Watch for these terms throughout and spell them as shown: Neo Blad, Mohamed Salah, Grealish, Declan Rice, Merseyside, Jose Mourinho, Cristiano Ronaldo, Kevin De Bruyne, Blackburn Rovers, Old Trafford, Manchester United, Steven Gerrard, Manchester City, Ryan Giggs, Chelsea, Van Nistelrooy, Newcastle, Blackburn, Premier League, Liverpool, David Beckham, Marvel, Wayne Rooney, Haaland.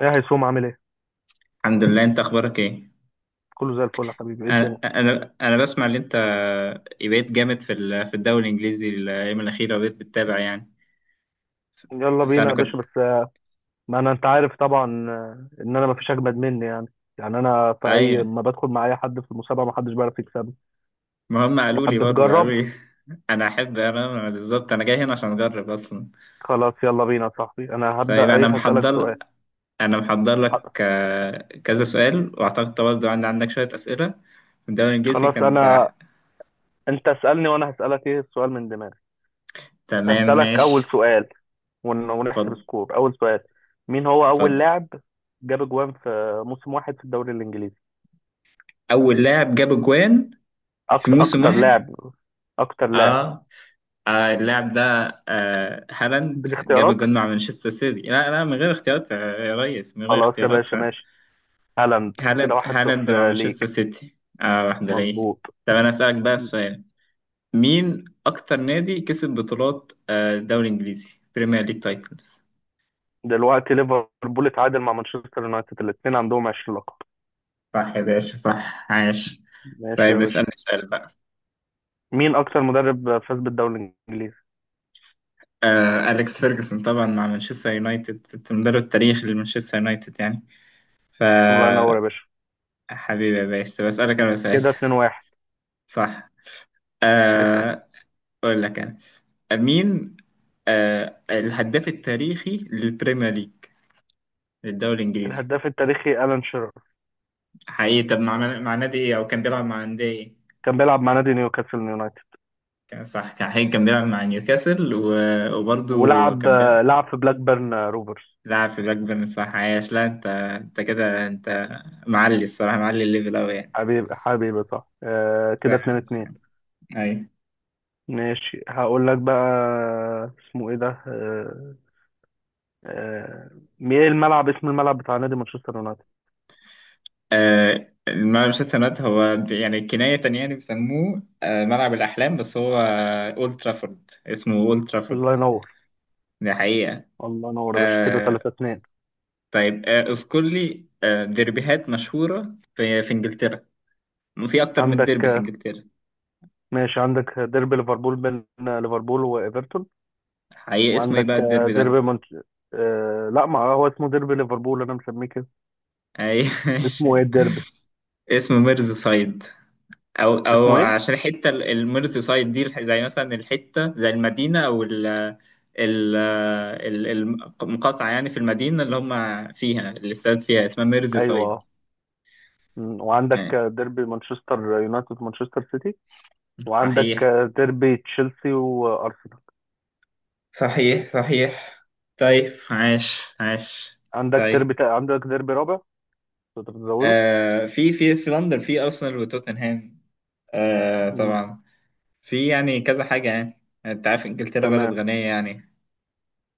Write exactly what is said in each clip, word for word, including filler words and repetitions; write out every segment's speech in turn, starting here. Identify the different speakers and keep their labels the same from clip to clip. Speaker 1: ايه هيسوم عامل ايه؟
Speaker 2: الحمد لله، انت اخبارك ايه؟
Speaker 1: كله زي الفل يا حبيبي. ايه الدنيا؟
Speaker 2: انا انا أنا بسمع ان انت بقيت جامد في ال- في الدوري الانجليزي الايام الاخيره، وبقيت بتتابع يعني.
Speaker 1: يلا بينا
Speaker 2: فانا
Speaker 1: يا باشا.
Speaker 2: كنت.
Speaker 1: بس آه، ما انا انت عارف طبعا، آه، ان انا ما فيش اجمد مني يعني. يعني انا في اي
Speaker 2: ايوه،
Speaker 1: ما بدخل مع اي حد في المسابقه ما حدش بيعرف يكسبني.
Speaker 2: ما هم قالوا لي
Speaker 1: تحب
Speaker 2: برضه قالوا
Speaker 1: تجرب؟
Speaker 2: لي انا احب انا أنا بالظبط، انا جاي هنا عشان اجرب اصلا.
Speaker 1: خلاص يلا بينا يا صاحبي. انا
Speaker 2: طيب،
Speaker 1: هبدا، ايه،
Speaker 2: انا
Speaker 1: هسالك
Speaker 2: محضر
Speaker 1: سؤال.
Speaker 2: انا محضر لك، آه، كذا سؤال، واعتقد برضه عندي عندك شويه اسئله في الدوري الانجليزي
Speaker 1: خلاص
Speaker 2: كانت.
Speaker 1: انا، انت اسالني وانا هسالك. ايه السؤال من دماغي؟
Speaker 2: تمام
Speaker 1: هسالك
Speaker 2: ماشي.
Speaker 1: اول سؤال. ون- ونحسب
Speaker 2: اتفضل.
Speaker 1: سكور. اول سؤال، مين هو اول
Speaker 2: اتفضل.
Speaker 1: لاعب جاب جوان في موسم واحد في الدوري الانجليزي؟
Speaker 2: اول لاعب جاب اجوان في
Speaker 1: اكتر
Speaker 2: موسم
Speaker 1: اكتر
Speaker 2: واحد.
Speaker 1: لاعب، اكتر لاعب
Speaker 2: اه. آه اللاعب ده. آه هالاند جاب
Speaker 1: بالاختيارات.
Speaker 2: الجون مع مانشستر سيتي، لا لا، من غير اختيارات يا ريس، من غير
Speaker 1: خلاص يا
Speaker 2: اختيارات.
Speaker 1: باشا ماشي. هالاند كده
Speaker 2: هالاند
Speaker 1: واحد
Speaker 2: هالاند مع
Speaker 1: صفر
Speaker 2: مانشستر
Speaker 1: ليك.
Speaker 2: سيتي، اه واحدة ليه.
Speaker 1: مظبوط.
Speaker 2: طب انا اسألك بقى السؤال، مين اكتر نادي كسب بطولات آه، الدوري الانجليزي، بريمير ليج تايتلز؟
Speaker 1: دلوقتي ليفربول اتعادل مع مانشستر يونايتد، الاثنين عندهم عشرين لقب.
Speaker 2: صح يا باشا، صح، عاش.
Speaker 1: ماشي يا
Speaker 2: طيب
Speaker 1: باشا.
Speaker 2: اسألني سؤال بقى.
Speaker 1: مين اكتر مدرب فاز بالدوري الانجليزي؟
Speaker 2: آه أليكس فيرجسون طبعا مع مانشستر يونايتد، المدرب التاريخي لمانشستر يونايتد يعني. ف...
Speaker 1: الله ينور يا باشا.
Speaker 2: حبيبي يا باشا، طب اسألك انا سؤال.
Speaker 1: كده اتنين واحد.
Speaker 2: صح.
Speaker 1: اسال.
Speaker 2: آه اقول لك انا، مين آه الهداف التاريخي للبريمير ليج للدوري الانجليزي؟
Speaker 1: الهداف التاريخي الان شيرر.
Speaker 2: حقيقي، طب مع مع نادي ايه، او كان بيلعب مع نادي ايه؟
Speaker 1: كان بيلعب مع نادي نيوكاسل يونايتد.
Speaker 2: كان، صح، كان، حقيقي كان بيلعب مع نيوكاسل، و- وبرضه
Speaker 1: ولعب،
Speaker 2: كان بيلعب.
Speaker 1: لعب في بلاك بيرن روفرز.
Speaker 2: لعب في بلاكبيرن، صح، عايش. لا انت، انت كده، انت معلي الصراحه، معلي الليفل قوي يعني.
Speaker 1: حبيبي حبيبي صح آه، كده
Speaker 2: صح. صح.
Speaker 1: اتنين اتنين.
Speaker 2: ايوه.
Speaker 1: ماشي هقول لك بقى. اسمه ايه ده، آه آه، ايه الملعب، اسم الملعب بتاع نادي مانشستر يونايتد؟
Speaker 2: آه مانشستر يونايتد هو ب- يعني كناية تانية يعني بيسموه آه ملعب الأحلام، بس هو أولد ترافورد، اسمه أولد
Speaker 1: الله
Speaker 2: ترافورد.
Speaker 1: ينور.
Speaker 2: دي حقيقة.
Speaker 1: الله ينور يا باشا، كده
Speaker 2: آه
Speaker 1: ثلاثة اثنين.
Speaker 2: طيب، آه اذكر لي آه ديربيهات مشهورة في في انجلترا، في اكتر من
Speaker 1: عندك
Speaker 2: ديربي في
Speaker 1: آه،
Speaker 2: انجلترا.
Speaker 1: ماشي، عندك ديربي ليفربول بين آه، ليفربول وايفرتون.
Speaker 2: حقيقة اسمه ايه بقى
Speaker 1: وعندك آه،
Speaker 2: الديربي
Speaker 1: ديربي
Speaker 2: ده؟
Speaker 1: منش... آه لا، ما هو اسمه ديربي ليفربول، انا مسميه كده.
Speaker 2: اي ماشي.
Speaker 1: اسمه ايه الديربي؟
Speaker 2: اسمه ميرز سايد، او او
Speaker 1: اسمه ايه؟
Speaker 2: عشان الحتة ال- الميرز سايد دي الح- زي مثلا الحتة، زي المدينة او ال... ال ال- المقاطعة يعني، في المدينة اللي هم فيها، اللي استاد فيها اسمها ميرز
Speaker 1: ايوه
Speaker 2: سايد،
Speaker 1: آه. مم، وعندك
Speaker 2: يعني.
Speaker 1: آه، ديربي مانشستر يونايتد مانشستر سيتي، وعندك
Speaker 2: صحيح.
Speaker 1: آه، ديربي تشيلسي وارسنال.
Speaker 2: صحيح، صحيح. طيب عاش، عاش.
Speaker 1: عندك
Speaker 2: طيب،
Speaker 1: ديربي تا... عندك ديربي رابع، تقدر تزوده؟
Speaker 2: آه في في في لندن، في ارسنال وتوتنهام، آه
Speaker 1: مم،
Speaker 2: طبعا. في يعني كذا حاجه يعني، انت عارف انجلترا بلد
Speaker 1: تمام.
Speaker 2: غنيه يعني،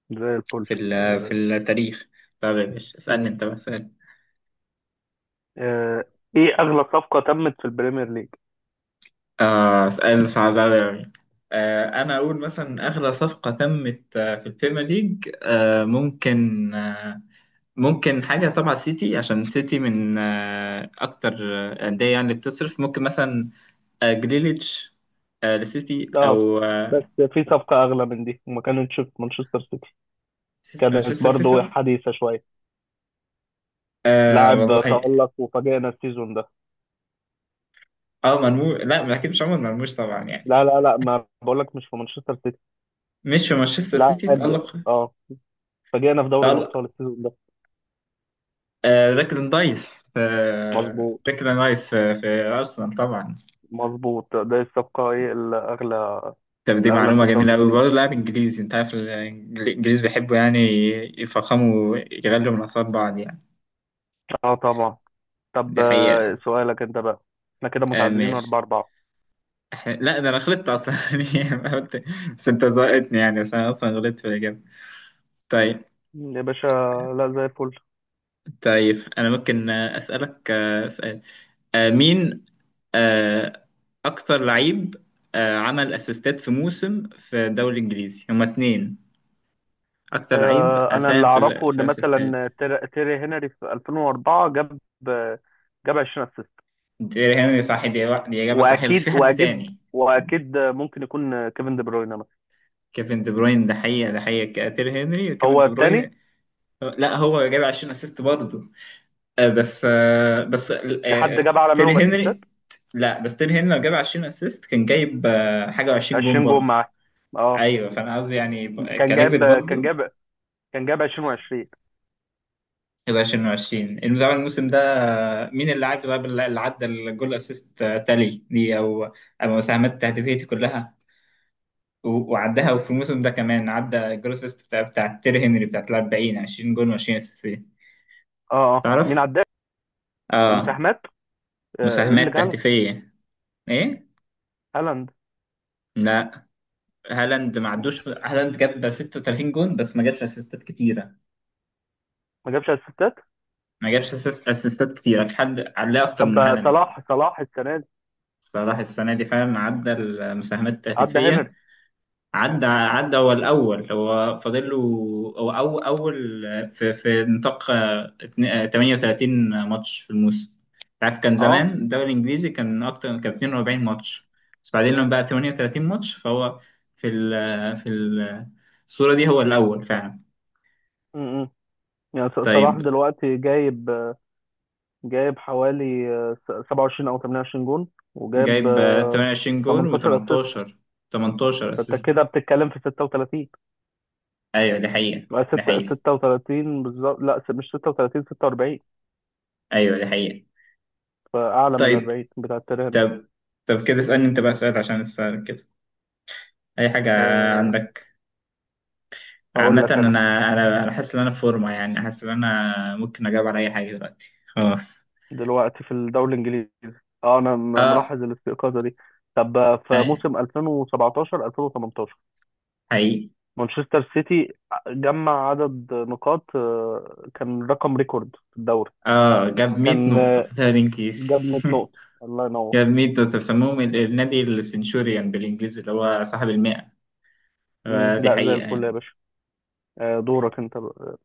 Speaker 1: زي الفل.
Speaker 2: في ال- في
Speaker 1: آه،
Speaker 2: التاريخ. طب يا باشا اسالني انت بقى، اسال
Speaker 1: آه، ايه اغلى صفقة تمت في البريمير ليج؟
Speaker 2: آه اسال صعب قوي يعني. آه انا اقول مثلا اغلى صفقه تمت آه، في البريمير ليج، آه ممكن، آه ممكن حاجه، طبعا سيتي عشان سيتي من آه اكتر آه، انديه يعني اللي بتصرف، ممكن مثلا آه جريليتش آه لسيتي،
Speaker 1: لا،
Speaker 2: او
Speaker 1: بس
Speaker 2: آه،
Speaker 1: في صفقة اغلى من دي، وما كانتش في مانشستر سيتي. كانت
Speaker 2: مانشستر
Speaker 1: برضو
Speaker 2: سيتي.
Speaker 1: حديثة شوية.
Speaker 2: آه
Speaker 1: لاعب
Speaker 2: والله.
Speaker 1: تألق وفاجئنا السيزون ده.
Speaker 2: اه مرموش؟ لا، ما اكيد مش عمر مرموش طبعا يعني.
Speaker 1: لا لا لا، ما بقولك مش في مانشستر سيتي.
Speaker 2: مش في مانشستر سيتي
Speaker 1: لاعب،
Speaker 2: تألق،
Speaker 1: اه، فاجئنا في دوري
Speaker 2: تألق.
Speaker 1: الابطال السيزون ده.
Speaker 2: آه ديكلان رايس آه
Speaker 1: مظبوط،
Speaker 2: ديكلان رايس في, في ارسنال طبعا.
Speaker 1: مظبوط. ده الصفقة، ايه الاغلى؟
Speaker 2: طب دي
Speaker 1: الاغلى في
Speaker 2: معلومه
Speaker 1: الدوري
Speaker 2: جميله قوي،
Speaker 1: الانجليزي.
Speaker 2: برضه لاعب انجليزي، انت عارف الانجليز بيحبوا يعني يفخموا، يغلوا من اصابع بعض يعني.
Speaker 1: اه طبعا. طب
Speaker 2: دي
Speaker 1: آه،
Speaker 2: حقيقه.
Speaker 1: سؤالك انت بقى. احنا كده
Speaker 2: آه
Speaker 1: متعادلين أربعة
Speaker 2: ماشي.
Speaker 1: أربعة.
Speaker 2: إحنا- لا، ده انا غلطت اصلا. يعني أنا قلت- بس انت زقتني يعني، بس انا اصلا غلطت في الاجابه. طيب.
Speaker 1: يا باشا لا، زي الفل.
Speaker 2: طيب انا ممكن آه، اسالك آه، سؤال، آه، مين آه، أكتر لعيب آه، عمل أسيستات في موسم في الدوري الإنجليزي، هما اتنين، أكتر لعيب
Speaker 1: آه، انا
Speaker 2: ساهم
Speaker 1: اللي
Speaker 2: في ال-
Speaker 1: اعرفه
Speaker 2: في
Speaker 1: ان
Speaker 2: الأسيستات.
Speaker 1: مثلا تير- تيري هنري في الفين واربعة جاب جاب عشرين اسيست.
Speaker 2: دي هنري، صح، دي دي إجابة صحيحة، بس
Speaker 1: واكيد
Speaker 2: في حد
Speaker 1: واكيد
Speaker 2: تاني.
Speaker 1: واكيد ممكن يكون كيفن دي بروين مثلا.
Speaker 2: كيفن دي بروين، ده حقيقة، ده حقيقة تير هنري كيفن
Speaker 1: هو
Speaker 2: دي
Speaker 1: التاني؟
Speaker 2: بروين. لا، هو جاب عشرين أسيست برضه، آه، بس آه، بس
Speaker 1: في حد
Speaker 2: آه،
Speaker 1: جاب اعلى
Speaker 2: تير
Speaker 1: منهم اسيستات؟
Speaker 2: هنري. لا بس تير هنري لو جاب عشرين أسيست، كان جايب آه، حاجة، و20 جون
Speaker 1: عشرين جول
Speaker 2: برضه.
Speaker 1: معاه، اه،
Speaker 2: ايوه، فانا قصدي يعني ب-
Speaker 1: كان
Speaker 2: كليفت
Speaker 1: جاب كان
Speaker 2: برضه،
Speaker 1: جاب كان جاب عشرين و20.
Speaker 2: يبقى عشرين وعشرين المدافع الموسم ده. مين اللي عدى؟ طيب، اللي عدى الجول اسيست تالي دي، او او مساهمات تهديفيتي كلها و- وعدها، وفي الموسم ده كمان عدى الجول اسيست بتاع بتاع تيري هنري بتاعت أربعين، عشرين جول و20 اسيست فيه.
Speaker 1: اه اه، مين
Speaker 2: تعرف؟
Speaker 1: عداك
Speaker 2: اه.
Speaker 1: مساهمات؟ آه،
Speaker 2: مساهمات
Speaker 1: ايرلينج هالاند.
Speaker 2: تهديفية. ايه؟
Speaker 1: هالاند
Speaker 2: لا. هالاند ما عدوش، هالاند جاب ستة وثلاثين جول بس ما جابش اسيستات كتيرة،
Speaker 1: ما جابش اسيستات.
Speaker 2: ما جابش أسيست- اسيستات كتيرة، في حد عليه اكتر من
Speaker 1: طب
Speaker 2: هالاند كمان.
Speaker 1: صلاح، صلاح السنه دي؟
Speaker 2: صلاح السنة دي فعلا عدى المساهمات
Speaker 1: عدى
Speaker 2: التهديفية،
Speaker 1: هنري؟
Speaker 2: عدى عدى هو الأول، هو فاضل له. هو أو أول في, في نطاق آه، اتن- آه، ثمانية وثلاثين ماتش في الموسم. عارف كان زمان
Speaker 1: اه،
Speaker 2: الدوري الإنجليزي كان أكتر، كان اتنين وأربعين ماتش، بس بعدين
Speaker 1: م-
Speaker 2: لما بقى تمانية وتلاتين ماتش فهو في ال آه، في ال- آه، الصورة دي هو الأول فعلا.
Speaker 1: م- م. يعني ص- صلاح
Speaker 2: طيب
Speaker 1: دلوقتي جايب، جايب حوالي آه، سبعة وعشرين او ثمانية وعشرين جون، وجايب
Speaker 2: جايب آه،
Speaker 1: آه،
Speaker 2: تمانية وعشرين جول
Speaker 1: تمنتاشر اسيست.
Speaker 2: و18 تمنتاشر
Speaker 1: فانت
Speaker 2: أسيست.
Speaker 1: كده بتتكلم في ستة وثلاثين؟
Speaker 2: أيوه دي حقيقة.
Speaker 1: آه،
Speaker 2: دي
Speaker 1: ست-
Speaker 2: حقيقة،
Speaker 1: ستة وثلاثين بالظبط. لا س- مش ستة وثلاثين، ستة واربعين.
Speaker 2: أيوه دي حقيقة.
Speaker 1: فاعلى من ال
Speaker 2: طيب.
Speaker 1: أربعين بتاع تيري هنري.
Speaker 2: طب. طب كده اسألني أنت بقى سؤال عشان أسألك كده اي حاجه
Speaker 1: آه،
Speaker 2: عندك.
Speaker 1: اقول
Speaker 2: عامه
Speaker 1: لك
Speaker 2: انا،
Speaker 1: انا
Speaker 2: انا انا حاسس ان انا في فورمه يعني، حاسس ان انا ممكن اجاوب على اي حاجه دلوقتي خلاص.
Speaker 1: دلوقتي في الدوري الانجليزي. اه انا م-
Speaker 2: اه.
Speaker 1: ملاحظ الاستيقاظه دي. طب آه، في
Speaker 2: أي-
Speaker 1: موسم الفين وسبعتاشر الفين وتمنتاشر
Speaker 2: حقيقي.
Speaker 1: مانشستر سيتي آه، جمع عدد نقاط آه، كان رقم ريكورد في الدوري.
Speaker 2: اه جاب مية
Speaker 1: كان
Speaker 2: نقطه
Speaker 1: آه،
Speaker 2: في تمرين كيس.
Speaker 1: جاب مية نقطة. الله ينور.
Speaker 2: جاب مية نقطه، بيسموهم ال- النادي السنشوريان بالانجليزي، اللي هو صاحب المئة،
Speaker 1: مم.
Speaker 2: آه، دي
Speaker 1: لا زي
Speaker 2: حقيقه
Speaker 1: الفل يا
Speaker 2: يعني.
Speaker 1: باشا. آه، دورك انت بقى.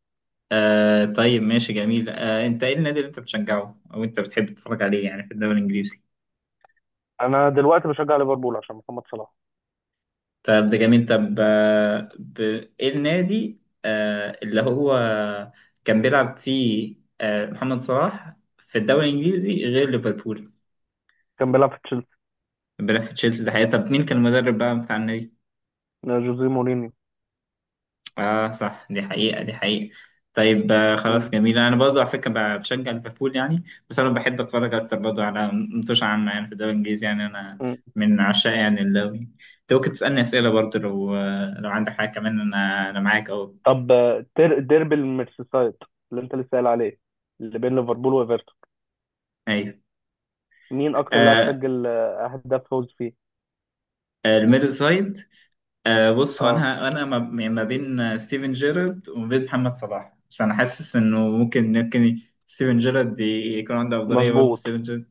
Speaker 2: آه طيب ماشي، جميل. آه انت ايه النادي اللي انت بتشجعه، او انت بتحب تتفرج عليه يعني في الدوري الانجليزي؟
Speaker 1: انا دلوقتي بشجع ليفربول عشان محمد صلاح.
Speaker 2: طب ده جميل. طب، آه، ب... ايه النادي آه، اللي هو كان بيلعب فيه آه، محمد صلاح في الدوري الانجليزي غير ليفربول؟
Speaker 1: كان بيلعب في تشيلسي.
Speaker 2: بيلعب في تشيلسي، ده حقيقة. طب مين كان المدرب بقى بتاع النادي؟
Speaker 1: آه، جوزيه مورينيو.
Speaker 2: اه صح، دي حقيقة، دي حقيقة. طيب، آه، خلاص
Speaker 1: مم.
Speaker 2: جميل، انا برضه على فكرة ب- بشجع ليفربول يعني، بس انا بحب اتفرج اكتر برضه على ماتش عامة يعني في الدوري الانجليزي، يعني انا
Speaker 1: مم.
Speaker 2: من عشاق يعني الدوري. انت ممكن تسألني اسئلة برضه، لو آه، لو عندك حاجة كمان، انا انا معاك اهو.
Speaker 1: طب آه، تر- ديربي الميرسيسايد اللي انت لسه قايل عليه، اللي بين ليفربول وايفرتون،
Speaker 2: ايوه.
Speaker 1: مين اكتر لاعب
Speaker 2: آه،
Speaker 1: سجل آه، اهداف فوز فيه؟
Speaker 2: الميد سايد. آه، بص، هو
Speaker 1: اه
Speaker 2: انا، انا ما يعني ما بين ستيفن جيرارد وما بين محمد صلاح، عشان انا حاسس انه ممكن ممكن ستيفن جيرارد ي- يكون عنده افضليه برضه
Speaker 1: مظبوط،
Speaker 2: ستيفن جيرارد.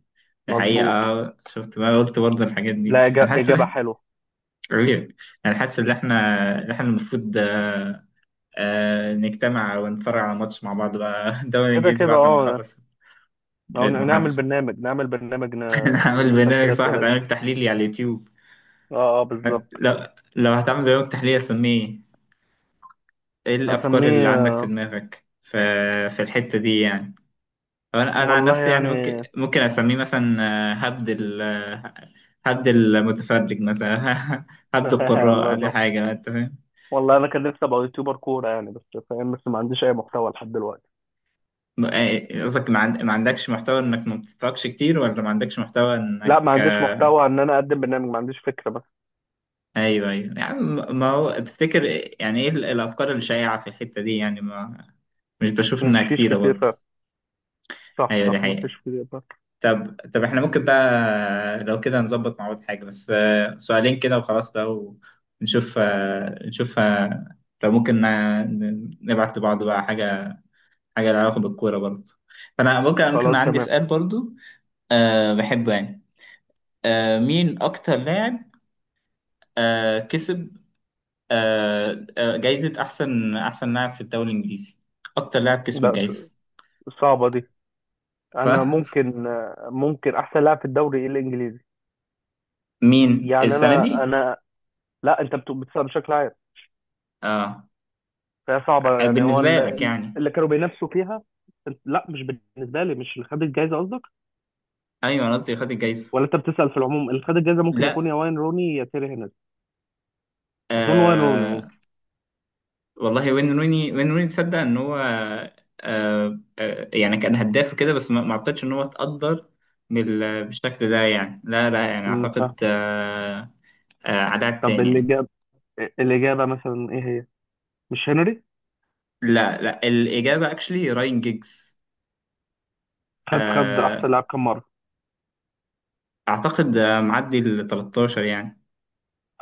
Speaker 2: دي حقيقه.
Speaker 1: مظبوط.
Speaker 2: آه، شفت ما قلت برضه الحاجات دي،
Speaker 1: لا،
Speaker 2: انا
Speaker 1: إجا-
Speaker 2: حاسس ان
Speaker 1: اجابة
Speaker 2: إحنا-
Speaker 1: حلوة.
Speaker 2: عيب. انا حاسس ان احنا، ان احنا المفروض آه، آه، نجتمع ونتفرج على ماتش مع بعض بقى. الدوري
Speaker 1: كده
Speaker 2: الانجليزي
Speaker 1: كده
Speaker 2: بعد ما
Speaker 1: اه.
Speaker 2: نخلص
Speaker 1: أو ن- نعمل
Speaker 2: المحادثه.
Speaker 1: برنامج نعمل برنامج
Speaker 2: نعمل
Speaker 1: ن- نسأل فيه
Speaker 2: برنامج، صح،
Speaker 1: الأسئلة دي.
Speaker 2: نعمل تحليلي على اليوتيوب.
Speaker 1: اه اه بالظبط.
Speaker 2: لو لو هتعمل برنامج تحليل، اسميه ايه؟ الافكار اللي عندك في
Speaker 1: هسميه
Speaker 2: دماغك في في الحتة دي يعني؟ أو انا انا عن
Speaker 1: والله
Speaker 2: نفسي يعني
Speaker 1: يعني.
Speaker 2: ممكن ممكن اسميه مثلا آه، هبد ال آه، هبد المتفرج مثلا. هبد
Speaker 1: الله
Speaker 2: القراء، دي
Speaker 1: ينور.
Speaker 2: حاجة، انت فاهم؟
Speaker 1: والله انا كان نفسي ابقى يوتيوبر كوره يعني، بس فاهم، بس ما عنديش اي محتوى لحد دلوقتي.
Speaker 2: م- آه، قصدك ما عن- ما عندكش محتوى انك ما بتتفرجش كتير، ولا ما عندكش محتوى انك
Speaker 1: لا، ما عنديش
Speaker 2: آه،
Speaker 1: محتوى ان انا اقدم برنامج، ما عنديش فكره بس.
Speaker 2: ايوه ايوه يعني. م- ما هو تفتكر إيه- يعني ايه ال- الافكار الشائعة في الحتة دي يعني؟ ما مش بشوف
Speaker 1: مش
Speaker 2: انها
Speaker 1: فيش
Speaker 2: كتيرة
Speaker 1: كتير
Speaker 2: برضه.
Speaker 1: فعلا. صح
Speaker 2: ايوه دي
Speaker 1: صح، ما
Speaker 2: حقيقة.
Speaker 1: فيش كتير فعلا.
Speaker 2: طب طب احنا ممكن بقى لو كده نظبط مع بعض حاجة، بس آه، سؤالين كده وخلاص بقى، ونشوف آه، نشوف آه، لو ممكن آه، ن- نبعت لبعض بقى حاجة، حاجة لها علاقة بالكورة برضه. فأنا ممكن ممكن
Speaker 1: خلاص
Speaker 2: عندي
Speaker 1: تمام.
Speaker 2: سؤال برضه، أه بحبه يعني. أه مين أكتر لاعب أه كسب أه آه، جايزة أحسن أحسن لاعب في الدوري الإنجليزي، أكتر لاعب كسب
Speaker 1: لا
Speaker 2: الجايزة؟
Speaker 1: ص- صعبه دي. انا ممكن، ممكن احسن لاعب في الدوري إيه؟ الانجليزي
Speaker 2: فمين
Speaker 1: يعني.
Speaker 2: السنة
Speaker 1: انا
Speaker 2: دي؟
Speaker 1: انا، لا انت بت- بتسال بشكل عام،
Speaker 2: أه
Speaker 1: فهي صعبه يعني. هو
Speaker 2: بالنسبة لك
Speaker 1: ال-
Speaker 2: يعني؟
Speaker 1: اللي كانوا بينافسوا فيها. لا مش بالنسبه لي، مش اللي خد الجائزه قصدك.
Speaker 2: أيوه أنا قصدي خد الجايزة.
Speaker 1: ولا انت بتسال في العموم؟ اللي خد الجائزه ممكن يكون يا
Speaker 2: لا.
Speaker 1: واين روني يا تيري هنري. اظن واين روني.
Speaker 2: آه والله، وين روني، وين روني، تصدق ان هو آه آه يعني كان هداف وكده، بس ما ما اعتقدش ان هو اتقدر بال- بالشكل ده يعني، لا لا يعني
Speaker 1: امم فاهم.
Speaker 2: اعتقد آه آه عدد
Speaker 1: طب
Speaker 2: تاني يعني.
Speaker 1: الإجابة، الإجابة مثلا إيه هي؟ مش هنري؟
Speaker 2: لا لا، الاجابه اكشلي راين جيجز.
Speaker 1: خد، خد أحسن
Speaker 2: آه
Speaker 1: لاعب كام مرة؟
Speaker 2: اعتقد آه، معدي ال تلتاشر يعني.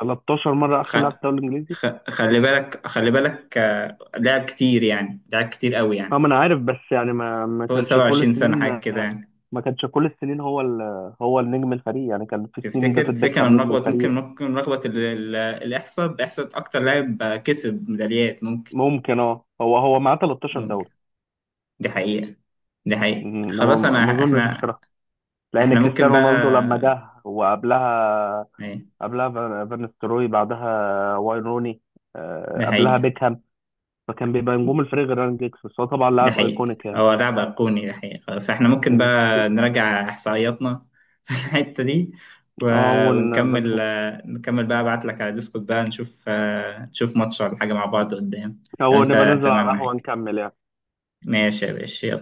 Speaker 1: تلتاشر مرة
Speaker 2: خ...
Speaker 1: أحسن لاعب في الدوري الإنجليزي؟
Speaker 2: خ... خلي بالك، خلي بالك، آه لعب كتير يعني، لعب كتير قوي
Speaker 1: أه
Speaker 2: يعني،
Speaker 1: ما أنا عارف، بس يعني ما ما
Speaker 2: فوق
Speaker 1: كانش كل
Speaker 2: سبعة وعشرين سنه
Speaker 1: السنين.
Speaker 2: حاجه كده يعني.
Speaker 1: ما كانش كل السنين. هو ال... هو النجم الفريق يعني. كان في سنين
Speaker 2: تفتكر
Speaker 1: ديفيد
Speaker 2: تفتكر انا
Speaker 1: بيكهام نجم
Speaker 2: ملخبط، ممكن
Speaker 1: الفريق.
Speaker 2: ممكن ملخبط ال- ال- الاحصاء، احصاء اكتر لاعب كسب ميداليات ممكن.
Speaker 1: ممكن أه، هو هو معاه تلتاشر
Speaker 2: ممكن،
Speaker 1: دوري.
Speaker 2: دي حقيقة، دي حقيقة.
Speaker 1: أمم، أنا ما
Speaker 2: خلاص
Speaker 1: ما
Speaker 2: انا،
Speaker 1: أظنش
Speaker 2: احنا
Speaker 1: بصراحة. لأن
Speaker 2: احنا ممكن
Speaker 1: كريستيانو
Speaker 2: بقى.
Speaker 1: رونالدو لما جه، وقبلها،
Speaker 2: ايه؟
Speaker 1: قبلها فان فان ستروي، بعدها واين روني،
Speaker 2: دي
Speaker 1: آه، قبلها
Speaker 2: حقيقة،
Speaker 1: بيكهام. فكان بيبقى نجوم الفريق غير ران جيكس، بس هو طبعا
Speaker 2: دي
Speaker 1: لاعب
Speaker 2: حقيقة،
Speaker 1: ايكونيك يعني.
Speaker 2: هو لاعب ايقوني، دي حقيقة. خلاص احنا ممكن
Speaker 1: مم.
Speaker 2: بقى نراجع احصائياتنا، في الحتة دي،
Speaker 1: اه،
Speaker 2: و-
Speaker 1: ونبقى
Speaker 2: ونكمل
Speaker 1: نشوف،
Speaker 2: آه، نكمل بقى، ابعت لك على ديسكورد بقى نشوف آه، نشوف ماتش ولا حاجة مع بعض قدام. لو
Speaker 1: او نبقى
Speaker 2: انت
Speaker 1: ننزل على
Speaker 2: تمام
Speaker 1: القهوة
Speaker 2: معاك،
Speaker 1: نكمل يعني.
Speaker 2: ماشي يا باشا، يلا.